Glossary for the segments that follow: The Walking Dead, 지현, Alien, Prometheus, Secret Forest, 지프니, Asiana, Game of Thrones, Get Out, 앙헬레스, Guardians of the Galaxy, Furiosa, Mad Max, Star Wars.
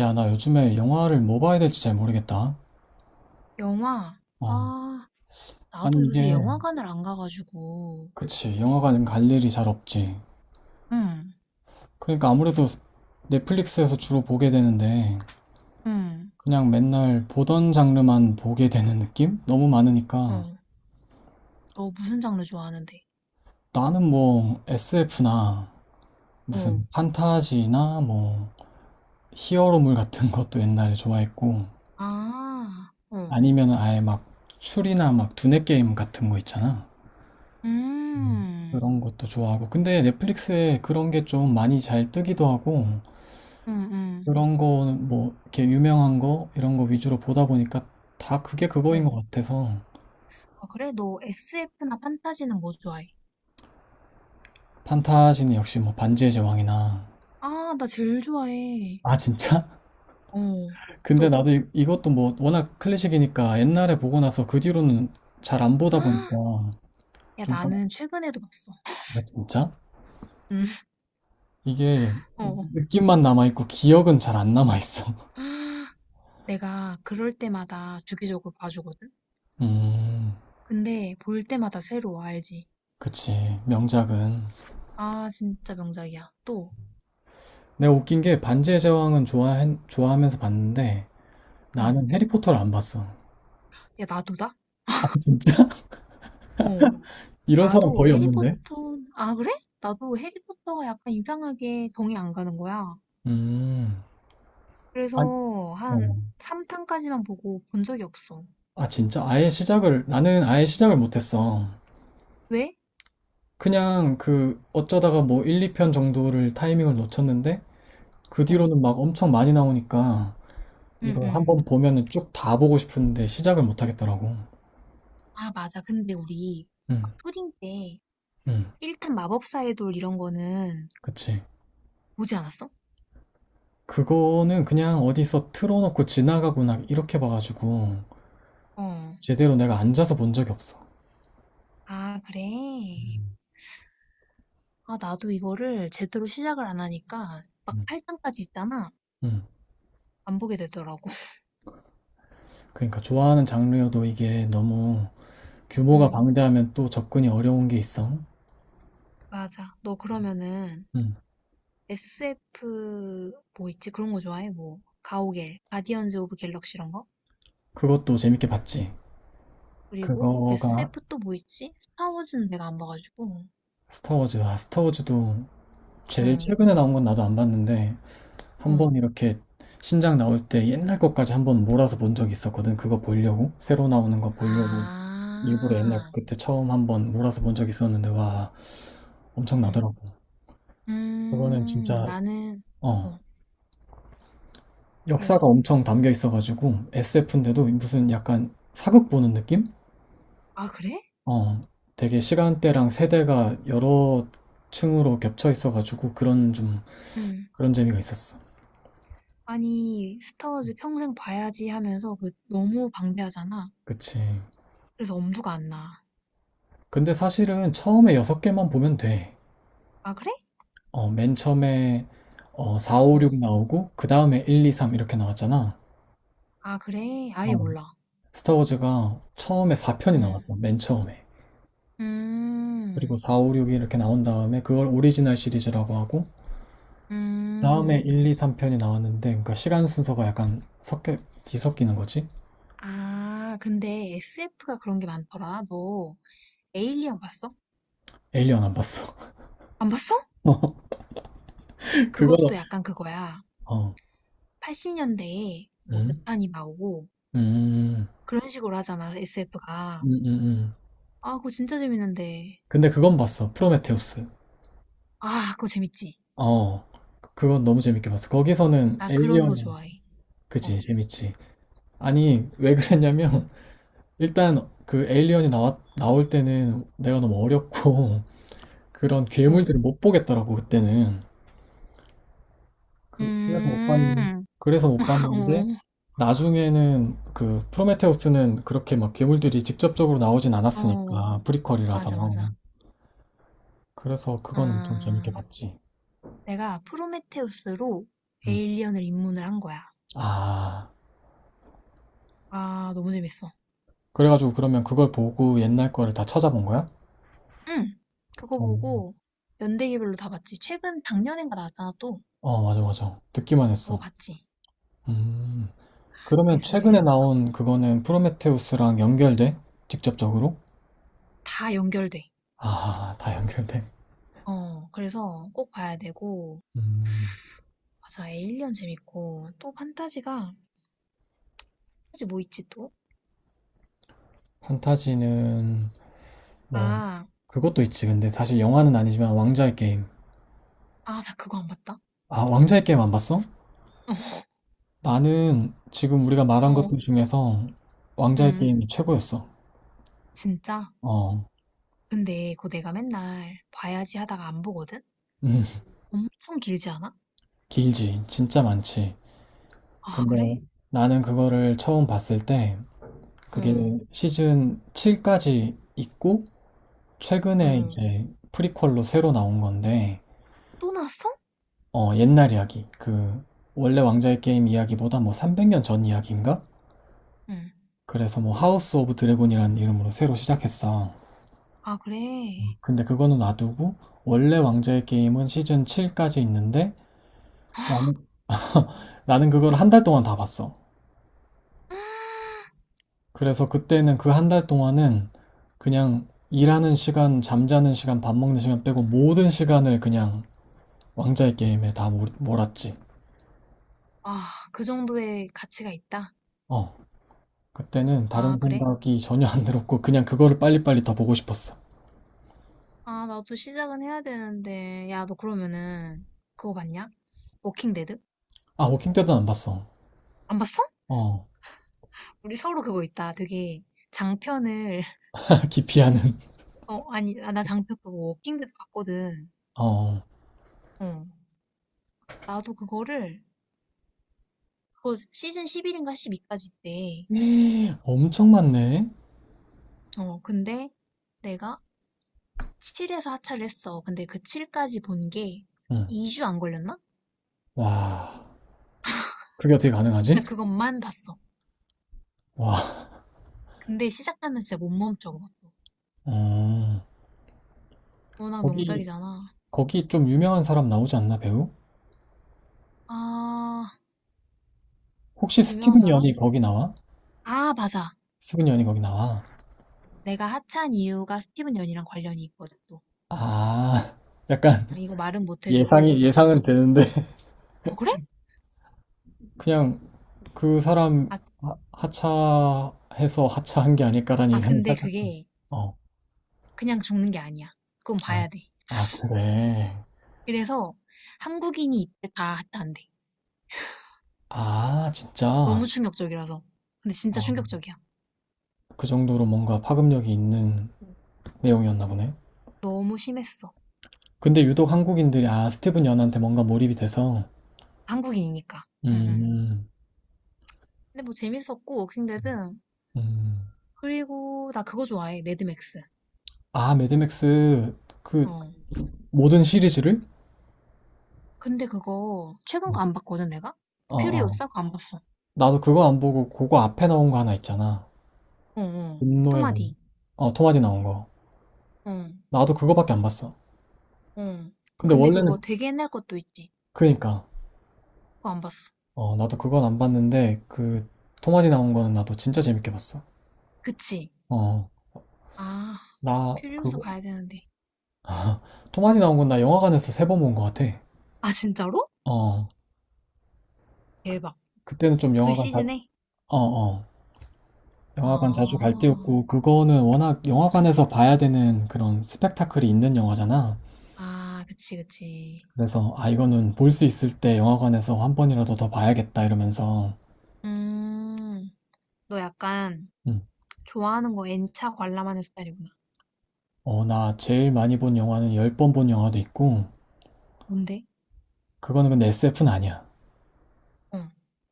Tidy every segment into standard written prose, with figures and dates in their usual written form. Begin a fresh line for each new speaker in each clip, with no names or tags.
야, 나 요즘에 영화를 뭐 봐야 될지 잘 모르겠다.
영화,
어, 아니
나도 요새
이게,
영화관을 안 가가지고,
그치, 영화관 갈 일이 잘 없지.
응,
그러니까 아무래도 넷플릭스에서 주로 보게 되는데,
응,
그냥 맨날 보던 장르만 보게 되는 느낌? 너무 많으니까.
어, 너 무슨 장르 좋아하는데?
나는 뭐 SF나
어,
무슨 판타지나 뭐 히어로물 같은 것도 옛날에 좋아했고,
아, 어,
아니면 아예 막 추리나 막 두뇌 게임 같은 거 있잖아.
음,
그런 것도 좋아하고. 근데 넷플릭스에 그런 게 좀 많이 잘 뜨기도 하고,
응, 응,
그런 거는 뭐, 이렇게 유명한 거, 이런 거 위주로 보다 보니까 다 그게 그거인 것
응.
같아서,
아, 그래? 너 SF나 판타지는 뭐 좋아해?
판타지는 역시 뭐, 반지의 제왕이나,
아, 나 제일 좋아해.
아, 진짜?
어,
근데
또,
나도 이것도 뭐, 워낙 클래식이니까 옛날에 보고 나서 그 뒤로는 잘 안 보다
아,
보니까,
야,
좀 깜,
나는 최근에도 봤어.
아, 진짜?
응,
이게
어,
느낌만 남아있고, 기억은 잘 안 남아있어.
아, 내가 그럴 때마다 주기적으로 봐주거든?
음.
근데 볼 때마다 새로워, 알지?
그치. 명작은.
아, 진짜 명작이야. 또,
내가 웃긴 게 반지의 제왕은 좋아하면서 봤는데
응.
나는 해리포터를 안 봤어.
야, 나도다?
아, 진짜?
어.
이런 사람
나도
거의 없는데?
해리포터, 아, 그래? 나도 해리포터가 약간 이상하게 정이 안 가는 거야.
음. 아,
그래서 한
어.
3탄까지만 보고 본 적이 없어.
아, 진짜? 아예 시작을, 나는 아예 시작을 못했어.
왜?
그냥 그 어쩌다가 뭐 1, 2편 정도를 타이밍을 놓쳤는데 그
어.
뒤로는 막 엄청 많이 나오니까
응,
이걸
응.
한번 보면은 쭉 다 보고 싶은데 시작을 못 하겠더라고.
아, 맞아. 근데 우리
응,
막 초딩 때
응,
1탄 마법사의 돌 이런 거는
그치.
보지 않았어?
그거는 그냥 어디서 틀어놓고 지나가고 나 이렇게 봐가지고
어.
제대로 내가 앉아서 본 적이 없어.
아, 그래? 아, 나도 이거를 제대로 시작을 안 하니까 막
음.
8탄까지 있잖아.
음.
안 보게 되더라고.
그러니까 좋아하는 장르여도 이게 너무 규모가
응,
방대하면 또 접근이 어려운 게 있어.
맞아. 너 그러면은
음,
SF 뭐 있지? 그런 거 좋아해? 뭐 가오갤, 가디언즈 오브 갤럭시 이런 거?
그것도 재밌게 봤지.
그리고
그거가
SF 또 뭐 있지? 스타워즈는 내가 안 봐가지고.
스타워즈. 아, 스타워즈도 제일
어,
최근에 나온 건 나도 안 봤는데 한
어.
번 이렇게 신작 나올 때 옛날 것까지 한 번 몰아서 본 적이 있었거든. 그거 보려고 새로 나오는 거 보려고 일부러 옛날
아,
그때 처음 한 번 몰아서 본 적이 있었는데 와
응.
엄청나더라고. 그거는 진짜
나는
어
어,
역사가
그래서
엄청 담겨 있어가지고 SF인데도 무슨 약간 사극 보는 느낌?
아, 그래?
어, 되게 시간대랑 세대가 여러 층으로 겹쳐 있어가지고 그런 좀
응.
그런 재미가 있었어.
아니, 스타워즈 평생 봐야지 하면서 그 너무 방대하잖아.
그치.
그래서 엄두가 안 나.
근데 사실은 처음에 여섯 개만 보면 돼.
아, 그래?
어, 맨 처음에 4, 5, 6
어.
나오고 그 다음에 1, 2, 3 이렇게 나왔잖아.
아, 그래?
어,
아예 몰라.
스타워즈가 처음에 4편이
응.
나왔어. 맨 처음에. 그리고
음.
4, 5, 6이 이렇게 나온 다음에 그걸 오리지널 시리즈라고 하고 다에
음.
1, 2, 3편이 나왔는데 그러니까 시간 순서가 약간 섞여 뒤섞이는 거지?
아, 근데 SF가 그런 게 많더라. 너 에일리언 봤어?
에일리언 안 봤어.
안 봤어?
어, 그거는
그것도 약간 그거야.
어.
80년대에 뭐 몇
응?
탄이 나오고
음. 음.
그런 식으로 하잖아, SF가.
음, 음, 음.
아, 그거 진짜 재밌는데.
근데 그건 봤어. 프로메테우스.
아, 그거 재밌지?
어. 그건 너무 재밌게 봤어. 거기서는
나 그런 거
에일리언이.
좋아해. 어,
그지 재밌지. 아니 왜 그랬냐면 일단 그 에일리언이 나왔 나올 때는 내가 너무 어렸고 그런
어.
괴물들을 못 보겠더라고 그때는. 그래서 못 봤는,
음,
그래서 못 봤는데, 나중에는 그 프로메테우스는 그렇게 막 괴물들이 직접적으로 나오진
어, 어,
않았으니까, 프리퀄이라서.
맞아, 맞아.
그래서 그건 엄청 재밌게
아,
봤지.
내가 프로메테우스로
음.
에일리언을 입문을 한 거야.
아,
아, 너무 재밌어.
그래가지고 그러면 그걸 보고 옛날 거를 다 찾아본 거야?
응. 그거
어,
보고 연대기별로 다 봤지. 최근 작년인가 나왔잖아, 또.
어, 맞아, 맞아. 듣기만
그거
했어.
봤지.
음.
아,
그러면
재밌어,
최근에
재밌어.
나온 그거는 프로메테우스랑 연결돼? 직접적으로?
다 연결돼.
아, 다 연결돼.
어, 그래서 꼭 봐야 되고.
음,
맞아, 에일리언 재밌고. 또 판타지가, 판타지 뭐 있지 또?
판타지는 뭐
아,
그것도 있지. 근데 사실 영화는 아니지만 왕좌의 게임.
아, 나 그거 안 봤다.
아, 왕좌의 게임 안 봤어? 나는 지금 우리가 말한
어,
것들 중에서 왕좌의
음,
게임이 최고였어.
진짜.
어,
근데 그거 내가 맨날 봐야지 하다가 안 보거든? 엄청 길지 않아?
길지. 진짜 많지.
아,
근데
그래?
나는 그거를 처음 봤을 때 그게
응,
시즌 7까지 있고 최근에
응.
이제 프리퀄로 새로 나온 건데
또 나왔어?
옛날 이야기. 그 원래 왕좌의 게임 이야기보다 뭐 300년 전 이야기인가?
응.
그래서 뭐 하우스 오브 드래곤이라는 이름으로 새로 시작했어.
아, 그래.
근데 그거는 놔두고 원래 왕좌의 게임은 시즌 7까지 있는데 나는, 나는 그걸 한 달 동안 다 봤어. 그래서 그때는 그 한 달 동안은 그냥 일하는 시간, 잠자는 시간, 밥 먹는 시간 빼고 모든 시간을 그냥 왕좌의 게임에 다 몰았지.
아, 그 정도의 가치가 있다?
어. 그때는 다른
아, 그래?
생각이 전혀 안 들었고 그냥 그거를 빨리빨리 더 보고 싶었어.
아, 나도 시작은 해야 되는데. 야, 너 그러면은 그거 봤냐? 워킹 데드?
아, 워킹 때도 안 봤어.
안 봤어?
어.
우리 서로 그거 있다. 되게 장편을
기피하는.
어, 아니, 아, 나 장편 그거 워킹 데드 봤거든.
어.
어. 나도 그거를 그거 시즌 11인가 12까지 있대.
엄청 많네.
어, 근데 내가 7에서 하차를 했어. 근데 그 7까지 본 게
응.
2주 안 걸렸나?
와. 그게 어떻게 가능하지?
진짜 그것만 봤어.
와.
근데 시작하면 진짜 못 멈춰. 그것도.
아.
워낙
거기
명작이잖아.
거기 좀 유명한 사람 나오지 않나, 배우?
아,
혹시
유명한
스티븐
사람?
연이 거기 나와?
아, 맞아.
스티븐 연이 거기 나와?
내가 하차한 이유가 스티븐 연이랑 관련이 있거든, 또.
아. 약간
이거 말은 못 해주고.
예상이
응.
예상은 되는데
어, 그래?
그냥 그 사람
아,
하- 하차해서 하차한 게 아닐까라는
아,
예상이
근데
살짝 좀.
그게
어.
그냥 죽는 게 아니야. 그건
아,
봐야 돼.
아, 그래.
그래서 한국인이 이때 다 하차 안 돼.
아,
너무
진짜.
충격적이라서. 근데 진짜
어,
충격적이야.
그 정도로 뭔가 파급력이 있는 내용이었나 보네.
너무 심했어.
근데 유독 한국인들이 스티븐 연한테 뭔가 몰입이 돼서.
한국인이니까. 응, 응.
음.
근데 뭐 재밌었고,
음.
워킹데드.
음.
그리고 나 그거 좋아해. 매드맥스.
아 매드맥스 그
어.
모든 시리즈를?
근데 그거 최근 거 안 봤거든 내가?
어, 어.
퓨리오사 그거 안 봤어.
나도 그거 안 보고 그거 앞에 나온 거 하나 있잖아.
어, 어,
분노의 몸.
토마디.
어, 토마디 나온 거.
어,
나도 그거밖에 안 봤어.
어.
근데
근데 그거
원래는
되게 옛날 것도 있지.
그니까
그거 안 봤어.
어, 나도 그건 안 봤는데 그 토마디 나온 거는 나도 진짜 재밌게 봤어.
그치?
어.
아,
나
퓨리오사
그거
봐야 되는데.
토마디 나온 건 나 영화관에서 세 번 본 거 같아.
아, 진짜로?
어. 그,
대박.
그때는 좀
그
영화관 다
시즌에?
어, 어. 영화관 자주 갈
아,
때였고, 그거는 워낙 영화관에서 봐야 되는 그런 스펙타클이 있는 영화잖아.
아, 그치, 그치.
그래서, 아, 이거는 볼 수 있을 때 영화관에서 한 번이라도 더 봐야겠다 이러면서,
음, 너 약간
음,
좋아하는 거 N차 관람하는 스타일이구나.
어, 나 제일 많이 본 영화는 열 번 본 영화도 있고,
뭔데?
그거는 근데 SF는 아니야.
어,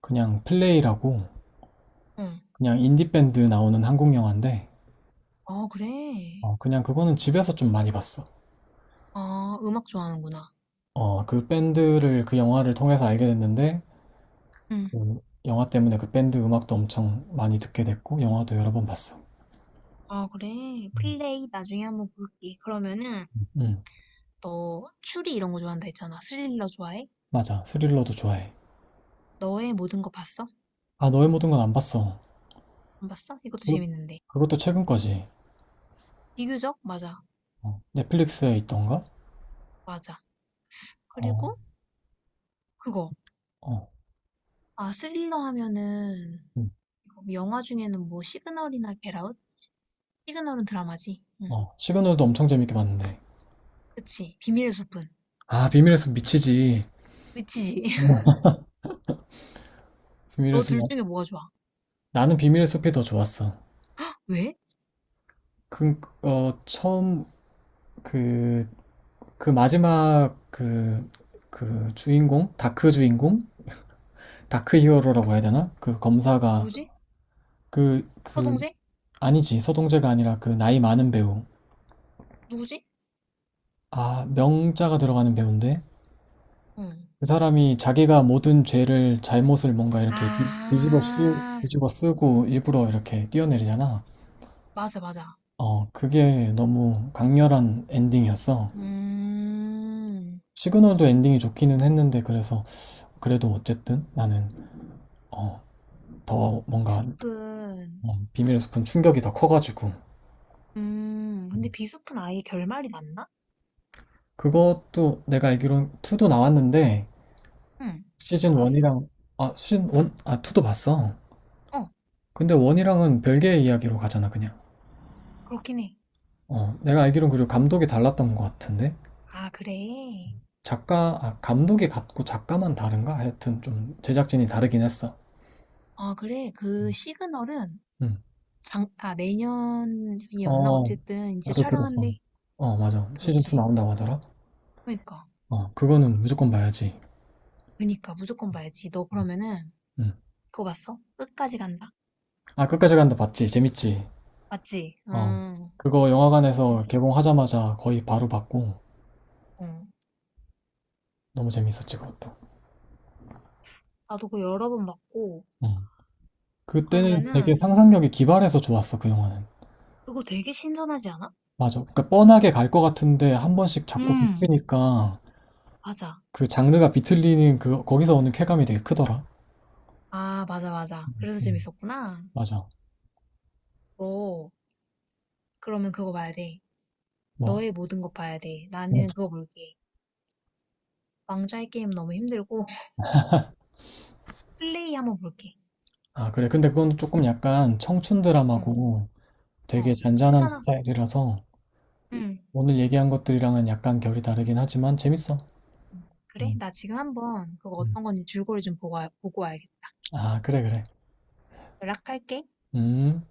그냥 플레이라고,
어.
그냥 인디밴드 나오는 한국 영화인데,
아, 그래.
어, 그냥 그거는 집에서 좀 많이 봤어.
아, 음악 좋아하는구나.
어, 그 밴드를, 그 영화를 통해서 알게 됐는데,
응.
그 영화 때문에 그 밴드 음악도 엄청 많이 듣게 됐고, 영화도 여러 번 봤어.
아, 그래. 플레이 나중에 한번 볼게. 그러면은,
응,
너 추리 이런 거 좋아한다 했잖아. 스릴러 좋아해?
맞아. 스릴러도 좋아해.
너의 모든 거 봤어?
아, 너의 모든 건 안 봤어.
안 봤어? 이것도
그-
재밌는데.
그것도 최근 거지.
비교적? 맞아.
어, 넷플릭스에 있던가?
맞아.
어,
그리고 그거.
어,
아, 스릴러 하면은,
응,
이거 영화 중에는 뭐 시그널이나 겟아웃? 시그널은 드라마지. 응.
어. 시그널도 엄청 재밌게 봤는데.
그치. 비밀의 숲은.
아, 비밀의 숲 미치지.
미치지.
비밀의
너 둘
숲.
중에 뭐가 좋아?
나는 비밀의 숲이 더 좋았어.
왜?
그, 어, 처음, 그, 그 마지막, 그 주인공? 다크 주인공? 다크 히어로라고 해야 되나? 그 검사가,
누구지?
그, 그,
서동재?
아니지. 서동재가 아니라 그 나이 많은 배우.
누구지?
아, 명자가 들어가는 배우인데?
응.
그 사람이 자기가 모든 죄를, 잘못을 뭔가 이렇게
아,
뒤집어 쓰고 일부러 이렇게 뛰어내리잖아.
맞아, 맞아.
어, 그게 너무 강렬한 엔딩이었어.
음.
시그널도 엔딩이 좋기는 했는데, 그래서, 그래도 어쨌든 나는, 어, 더 뭔가,
비숲은,
어, 비밀의 숲은 충격이 더 커가지고.
근데 비숲은 아예 결말이 났나?
그것도 내가 알기론 2도 나왔는데,
응, 또
시즌
봤어.
1이랑, 아, 시즌 1, 아, 2도 봤어.
어,
근데 1이랑은 별개의 이야기로 가잖아, 그냥.
그렇긴 해.
어, 내가 알기론 그리고 감독이 달랐던 것 같은데?
아, 그래.
작가, 아, 감독이 같고 작가만 다른가? 하여튼 좀 제작진이 다르긴 했어.
아, 그래. 그 시그널은
음.
장, 아, 내년이었나?
어,
어쨌든 이제
나도 들었어.
촬영한대.
어, 맞아. 시즌2
들었지?
나온다고 하더라.
그니까.
어, 그거는 무조건 봐야지.
그니까, 무조건 봐야지. 너 그러면은
음.
그거 봤어? 끝까지 간다.
아, 끝까지 간다 봤지? 재밌지?
맞지?
어.
응.
그거
응.
영화관에서 개봉하자마자 거의 바로 봤고,
어.
너무 재밌었지, 그것도.
나도 그거 여러 번 봤고,
음. 그때는 되게
그러면은
상상력이 기발해서 좋았어, 그 영화는.
그거 되게 신선하지 않아?
맞아. 그러니까 뻔하게 갈 것 같은데 한 번씩 자꾸
응,
비트니까
맞아.
그 장르가 비틀리는 그 거기서 오는 쾌감이 되게 크더라.
아, 맞아, 맞아. 그래서
음,
재밌었구나.
맞아.
너 그러면 그거 봐야 돼.
뭐?
너의 모든 것 봐야 돼.
어.
나는 그거 볼게. 왕좌의 게임 너무 힘들고 플레이 한번 볼게.
아, 그래. 근데 그건 조금 약간 청춘
어,
드라마고 되게
어,
잔잔한
괜찮아.
스타일이라서
응.
오늘 얘기한 것들이랑은 약간 결이 다르긴 하지만 재밌어.
그래,
음,
나 지금 한번 그거
음.
어떤 건지 줄거리 좀 보고, 와- 보고 와야겠다.
아, 그래, 그래.
연락할게.
음.